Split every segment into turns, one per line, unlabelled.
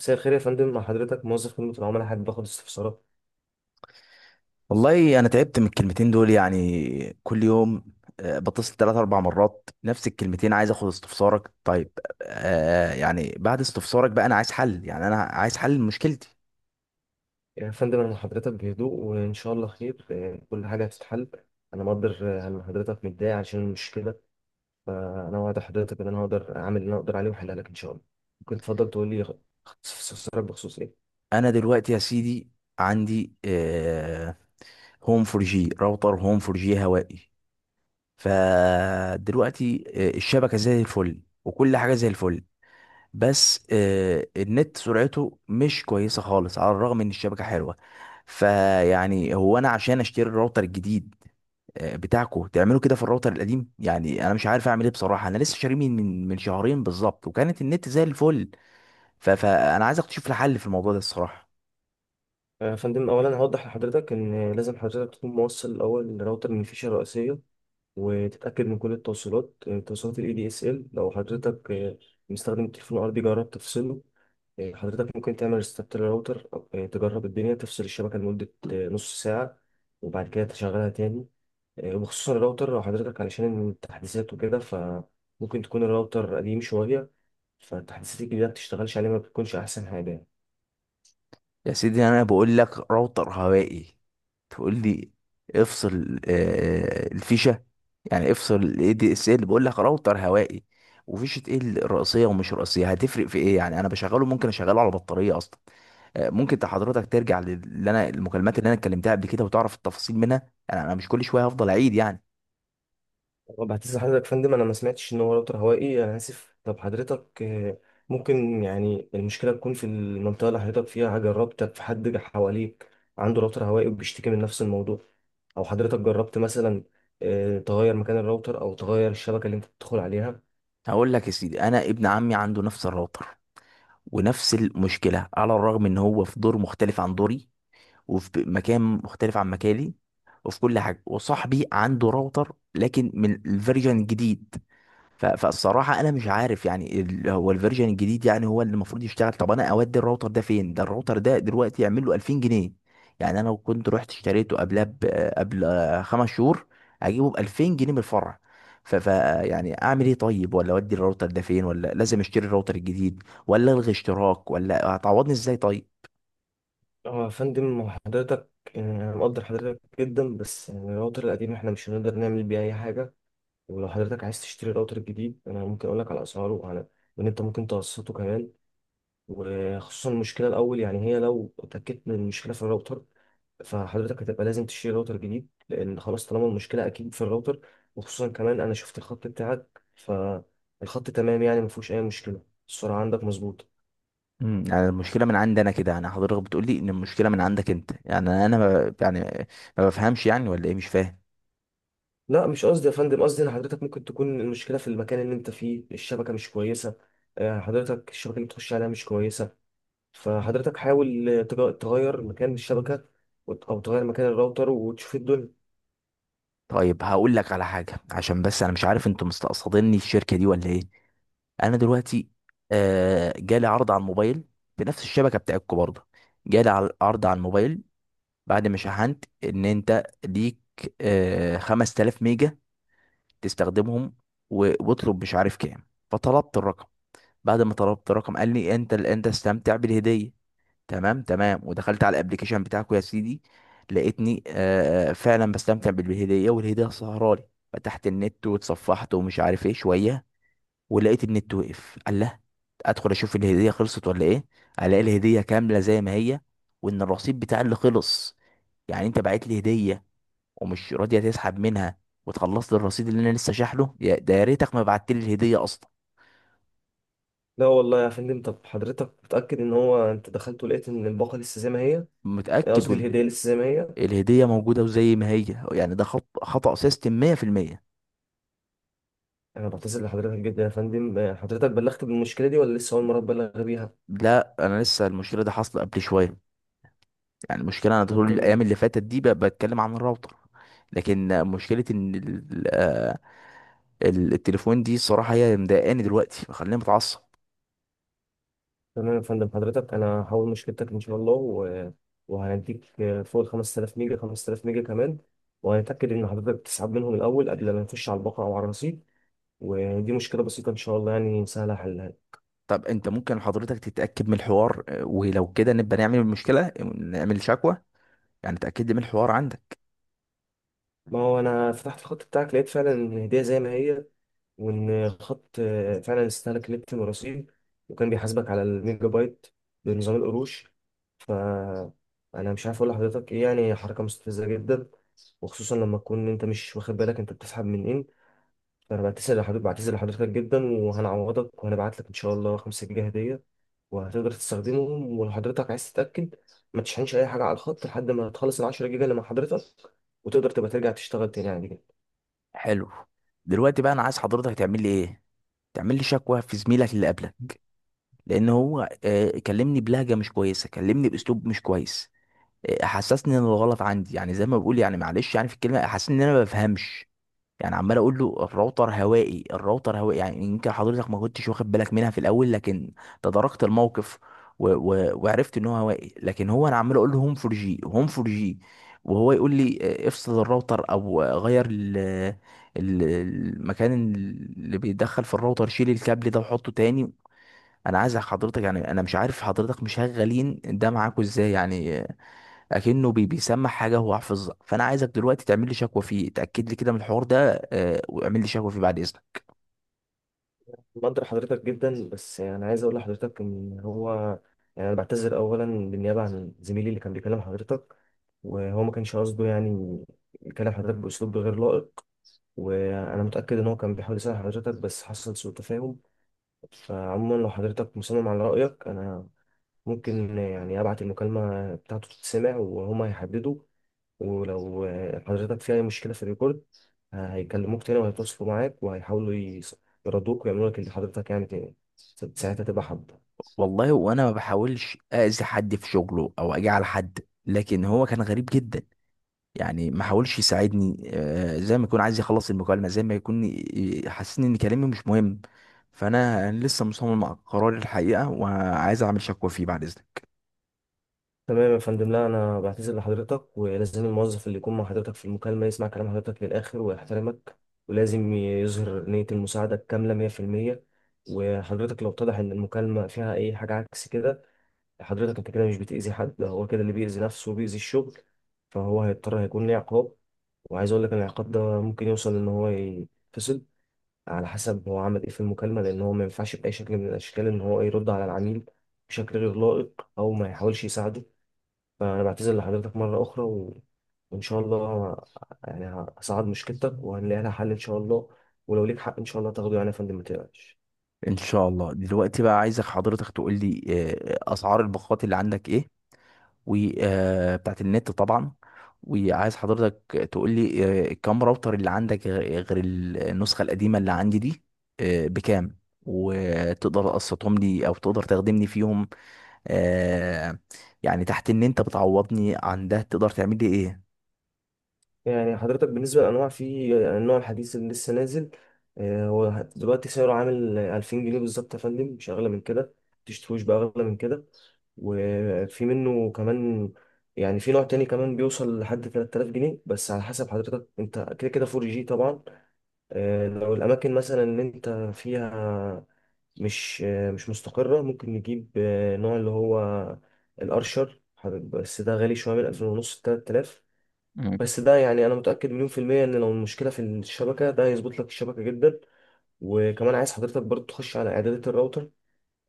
مساء الخير يا فندم، مع حضرتك موظف خدمة العملاء، حابب باخد استفسارات.
والله انا تعبت من الكلمتين دول يعني كل يوم. بتصل ثلاث اربع مرات نفس الكلمتين، عايز اخد استفسارك. طيب يعني بعد استفسارك بقى انا عايز حل، يعني انا عايز حل مشكلتي.
يعني يا فندم انا مع حضرتك بهدوء وان شاء الله خير، كل حاجة هتتحل. انا مقدر ان حضرتك متضايق عشان المشكلة، فانا وعد حضرتك ان انا هقدر اعمل اللي انا اقدر عليه واحلها لك ان شاء الله. ممكن تفضل تقول لي استفسارك بخصوص ايه؟
انا دلوقتي يا سيدي عندي هوم فور جي، راوتر هوم فور جي هوائي. فدلوقتي الشبكة زي الفل وكل حاجة زي الفل، بس النت سرعته مش كويسة خالص على الرغم ان الشبكة حلوة. فيعني هو انا
آه،
عشان اشتري الراوتر الجديد بتاعكو تعملوا كده في الراوتر القديم؟ يعني انا مش عارف اعمل ايه بصراحة، انا لسه شاريه من شهرين بالظبط وكانت النت زي الفل. فانا عايز اكتشف الحل في الموضوع ده الصراحة.
يا فندم، اولا هوضح لحضرتك ان لازم حضرتك تكون موصل الاول لراوتر من الفيشه الرئيسيه، وتتاكد من كل التوصيلات، توصيلات الاي دي اس ال. لو حضرتك مستخدم التليفون الارضي، جرب تفصله. حضرتك ممكن تعمل ريستارت للراوتر. تجرب الدنيا، تفصل الشبكة لمدة نص ساعة، وبعد كده تشغلها تاني. وخصوصا الراوتر، لو حضرتك علشان التحديثات وكده، فممكن تكون الراوتر قديم شوية، فالتحديثات الجديدة ما بتشتغلش عليه، ما بتكونش أحسن حاجة.
يا سيدي انا بقول لك راوتر هوائي، تقول لي افصل الفيشه، يعني افصل الاي دي اس ال؟ بقول لك راوتر هوائي، وفيشه ايه الرئيسيه ومش رئيسيه هتفرق في ايه؟ يعني انا بشغله، ممكن اشغله على بطاريه اصلا. ممكن انت حضرتك ترجع للي انا المكالمات اللي انا اتكلمتها قبل كده وتعرف التفاصيل منها، يعني انا مش كل شويه هفضل اعيد يعني.
طب هتسأل حضرتك يا فندم، انا ما سمعتش ان هو راوتر هوائي، انا اسف. طب حضرتك ممكن يعني المشكله تكون في المنطقه اللي حضرتك فيها، جربتك في حد جه حواليك عنده راوتر هوائي وبيشتكي من نفس الموضوع؟ او حضرتك جربت مثلا تغير مكان الراوتر او تغير الشبكه اللي انت بتدخل عليها؟
هقول لك يا سيدي، انا ابن عمي عنده نفس الراوتر ونفس المشكله، على الرغم ان هو في دور مختلف عن دوري وفي مكان مختلف عن مكاني وفي كل حاجه. وصاحبي عنده راوتر لكن من الفيرجن الجديد. فالصراحه انا مش عارف يعني هو الفيرجن الجديد يعني هو اللي المفروض يشتغل. طب انا اودي الراوتر ده فين؟ ده الراوتر ده دلوقتي يعمل له 2000 جنيه. يعني انا لو كنت رحت اشتريته قبل خمس شهور، اجيبه ب 2000 جنيه من الفرع. ف... ف يعني اعمل ايه طيب؟ ولا اودي الراوتر ده فين؟ ولا لازم اشتري الراوتر الجديد؟ ولا الغي اشتراك؟ ولا هتعوضني ازاي طيب؟
اه يا فندم، هو حضرتك انا مقدر حضرتك جدا، بس يعني الراوتر القديم احنا مش هنقدر نعمل بيه اي حاجه. ولو حضرتك عايز تشتري راوتر جديد، انا ممكن اقول لك على اسعاره، وعلى وان انت ممكن تقسطه كمان. وخصوصا المشكله الاول يعني، هي لو اتاكدت من المشكله في الراوتر، فحضرتك هتبقى لازم تشتري راوتر جديد، لان خلاص طالما المشكله اكيد في الراوتر. وخصوصا كمان انا شفت الخط بتاعك، فالخط تمام، يعني ما فيهوش اي مشكله، السرعه عندك مظبوطه.
يعني المشكله من عندي انا كده؟ يعني حضرتك بتقول لي ان المشكله من عندك انت؟ يعني انا ما يعني ما بفهمش. يعني ولا ايه؟ مش فاهم.
لا مش قصدي يا فندم، قصدي ان حضرتك ممكن تكون المشكله في المكان اللي انت فيه، الشبكه مش كويسه. حضرتك الشبكه اللي بتخش عليها مش كويسه، فحضرتك حاول تغير مكان الشبكه، او تغير مكان الراوتر وتشوف الدنيا.
طيب هقول لك على حاجه، عشان بس انا مش عارف انتوا مستقصديني الشركه دي ولا ايه. انا دلوقتي جالي عرض على الموبايل، بنفس الشبكه بتاعتكم برضه. جالي عرض على الموبايل بعد ما شحنت، ان انت ليك 5000 ميجا تستخدمهم، واطلب مش عارف كام. فطلبت الرقم، بعد ما طلبت الرقم قال لي انت انت استمتع بالهديه. تمام تمام، ودخلت على الابليكيشن بتاعكم يا سيدي، لقيتني فعلا بستمتع بالهديه، والهديه سهرالي. فتحت النت واتصفحت ومش عارف ايه شويه، ولقيت النت وقف. الله، ادخل اشوف الهديه خلصت ولا ايه، الاقي الهديه كامله زي ما هي، وان الرصيد بتاع اللي خلص. يعني انت بعت لي هديه ومش راضيه تسحب منها وتخلص لي الرصيد اللي انا لسه شاحله؟ ده يا ريتك ما بعت لي الهديه اصلا.
لا والله يا فندم، طب حضرتك متأكد ان هو انت دخلت ولقيت ان الباقة لسه زي ما هي؟
متاكد
قصدي الهدية
وال-
لسه زي ما هي.
الهديه موجوده وزي ما هي، يعني ده خط خطا سيستم 100%.
انا بعتذر لحضرتك جدا يا فندم، حضرتك بلغت بالمشكلة دي ولا لسه اول مرة تبلغ بيها؟
لا انا لسه المشكله دي حاصله قبل شويه. يعني المشكله انا
طب
طول الايام
تمام.
اللي فاتت دي بتكلم عن الراوتر، لكن مشكله ان التليفون دي الصراحه هي اللي مضايقاني دلوقتي، مخليني متعصب.
تمام يا فندم، حضرتك انا هحاول مشكلتك ان شاء الله وهنديك فوق ال 5000 ميجا 5000 ميجا كمان، وهنتأكد ان حضرتك تسحب منهم الاول قبل ما نخش على الباقة او على الرصيد. ودي مشكلة بسيطة ان شاء الله، يعني سهلة حلها.
طب انت ممكن حضرتك تتاكد من الحوار ولو كده نبقى نعمل المشكله، نعمل شكوى، يعني تاكد لي من الحوار عندك.
ما هو انا فتحت الخط بتاعك، لقيت فعلا ان الهدية زي ما هي، وان خط فعلا استهلك نت مراسيل، وكان بيحاسبك على الميجا بايت بنظام القروش. ف انا مش عارف اقول لحضرتك ايه، يعني حركه مستفزه جدا، وخصوصا لما تكون انت مش واخد بالك انت بتسحب من ايه. فانا بعتذر لحضرتك، بعتذر لحضرتك جدا، وهنعوضك وهنبعت لك ان شاء الله 5 جنيه هديه، وهتقدر تستخدمهم. ولو حضرتك عايز تتاكد، ما تشحنش اي حاجه على الخط لحد ما تخلص ال 10 جيجا اللي مع حضرتك، وتقدر تبقى ترجع تشتغل تاني عادي جدا.
حلو. دلوقتي بقى انا عايز حضرتك تعمل لي ايه؟ تعمل لي شكوى في زميلك اللي قبلك، لان هو كلمني بلهجه مش كويسه، كلمني باسلوب مش كويس، حسسني ان الغلط عندي. يعني زي ما بقول يعني معلش، يعني في الكلمه حسسني ان انا ما بفهمش. يعني عمال اقول له الراوتر هوائي الراوتر هوائي، يعني يمكن حضرتك ما كنتش واخد بالك منها في الاول، لكن تداركت الموقف وعرفت ان هو هوائي. لكن هو انا عمال اقول له هوم فور جي هوم فور جي، وهو يقول لي افصل الراوتر، او آه، غير ال... ال- المكان اللي بيدخل في الراوتر، شيل الكابل ده وحطه تاني. انا عايز حضرتك، يعني انا مش عارف حضرتك مشغلين ده معاكوا ازاي، يعني اكنه بيسمع حاجه هو حافظها. فانا عايزك دلوقتي تعمل لي شكوى فيه، اتاكد لي كده من الحوار ده واعمل لي شكوى فيه بعد اذنك.
بقدر حضرتك جدا، بس يعني عايز اقول لحضرتك ان هو يعني انا بعتذر اولا بالنيابه عن زميلي اللي كان بيكلم حضرتك، وهو ما كانش قصده يعني يكلم حضرتك باسلوب غير لائق، وانا متاكد ان هو كان بيحاول يساعد حضرتك بس حصل سوء تفاهم. فعموما لو حضرتك مصمم على رايك، انا ممكن يعني ابعت المكالمه بتاعته تتسمع، وهما هيحددوا. ولو حضرتك في أي مشكلة في الريكورد، هيكلموك تاني وهيتواصلوا معاك، وهيحاولوا يردوك ويعملوا لك اللي حضرتك يعني تاني ساعتها، تبقى حد.
والله وانا ما بحاولش اذي حد في شغله او اجي على حد، لكن هو كان غريب جدا، يعني ما حاولش يساعدني. زي ما يكون عايز يخلص المكالمه، زي ما يكون حاسسني ان كلامي مش مهم. فانا لسه مصمم على قراري الحقيقه، وعايز اعمل شكوى فيه بعد اذنك.
تمام يا فندم، لا أنا بعتذر لحضرتك، ولازم الموظف اللي يكون مع حضرتك في المكالمة يسمع كلام حضرتك للآخر ويحترمك، ولازم يظهر نية المساعدة الكاملة 100%. وحضرتك لو اتضح إن المكالمة فيها أي حاجة عكس كده، حضرتك أنت كده مش بتأذي حد، ده هو كده اللي بيأذي نفسه وبيأذي الشغل، فهو هيضطر هيكون ليه عقاب. وعايز اقول لك ان العقاب ده ممكن يوصل ان هو يتفصل، على حسب هو عمل ايه في المكالمه، لان هو ما ينفعش باي شكل من الاشكال ان هو يرد على العميل بشكل غير لائق او ما يحاولش يساعده. فانا بعتذر لحضرتك مره اخرى وان شاء الله يعني هصعد مشكلتك وهنلاقي لها حل ان شاء الله، ولو ليك حق ان شاء الله تاخده، يعني يا فندم ما تقلقش.
ان شاء الله. دلوقتي بقى عايزك حضرتك تقول لي اسعار الباقات اللي عندك ايه، وبتاعت النت طبعا. وعايز حضرتك تقول لي كام راوتر اللي عندك غير النسخة القديمة اللي عندي دي، بكام؟ وتقدر تقسطهم لي او تقدر تخدمني فيهم آه، يعني، تحت ان انت بتعوضني عن ده تقدر تعمل لي
يعني حضرتك بالنسبة للأنواع، في النوع الحديث اللي لسه نازل، هو دلوقتي سعره عامل 2000 جنيه بالظبط يا فندم، مش أغلى من كده، متشتروش بأغلى من كده. وفي منه كمان، يعني في نوع تاني كمان بيوصل لحد 3000 جنيه، بس على حسب حضرتك انت كده كده 4 جي طبعا. لو الأماكن مثلا اللي انت فيها مش مش مستقرة، ممكن نجيب نوع اللي هو الأرشر بس ده غالي شوية، من 2500 ونص لتلات آلاف.
ايه؟
بس ده يعني انا متاكد مليون في الميه ان لو المشكله في الشبكه، ده هيظبط لك الشبكه جدا. وكمان عايز حضرتك برضو تخش على اعدادات الراوتر،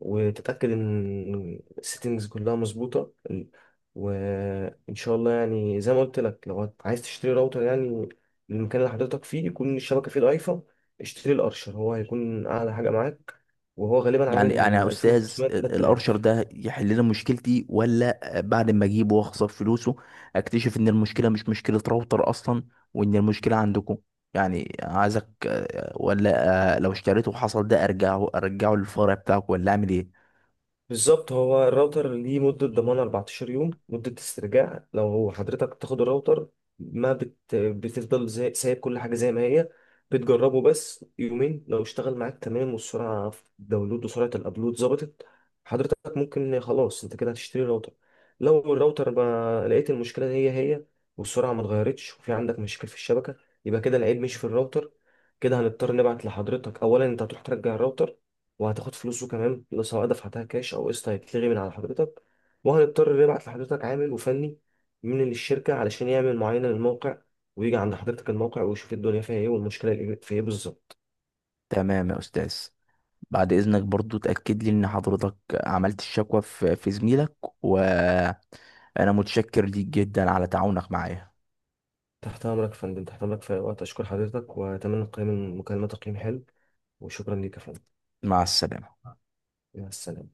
وتتاكد ان السيتنجز كلها مظبوطه. وان شاء الله يعني زي ما قلت لك، لو عايز تشتري راوتر يعني للمكان اللي حضرتك فيه يكون الشبكه فيه ضعيفه، اشتري الارشر، هو هيكون اعلى حاجه معاك، وهو غالبا
يعني
عامل
يعني
من
يا استاذ
2500 ل
الارشر
3000.
ده يحل لنا مشكلتي، ولا بعد ما اجيبه واخسر فلوسه اكتشف ان المشكله مش مشكله راوتر اصلا، وان المشكله عندكم؟ يعني عايزك آه، ولا آه، لو اشتريته وحصل ده ارجعه، ارجعه للفرع بتاعك ولا اعمل ايه؟
بالظبط، هو الراوتر ليه مدة ضمان 14 يوم، مدة استرجاع. لو حضرتك تاخد الراوتر، ما بت... بتفضل سايب كل حاجة زي ما هي، بتجربه بس يومين. لو اشتغل معاك تمام، والسرعة في الداونلود وسرعة الابلود ظبطت، حضرتك ممكن خلاص انت كده هتشتري راوتر. لو الراوتر ما لقيت المشكلة هي هي، والسرعة ما اتغيرتش، وفي عندك مشاكل في الشبكة، يبقى كده العيب مش في الراوتر. كده هنضطر نبعت لحضرتك، اولا انت هتروح ترجع الراوتر، وهتاخد فلوسه، كمان فلوس سواء دفعتها كاش او قسط هيتلغي من على حضرتك. وهنضطر نبعت لحضرتك عامل وفني من الشركة علشان يعمل معاينة للموقع، ويجي عند حضرتك الموقع ويشوف الدنيا فيها ايه والمشكلة اللي في ايه بالظبط.
تمام يا استاذ. بعد اذنك برضو تاكد لي ان حضرتك عملت الشكوى في زميلك، وانا متشكر ليك جدا على تعاونك معايا.
تحت امرك يا فندم، تحت امرك في أي وقت. اشكر حضرتك واتمنى القيام المكالمة تقييم حلو، وشكرا ليك يا فندم.
مع السلامه.
مع السلامة.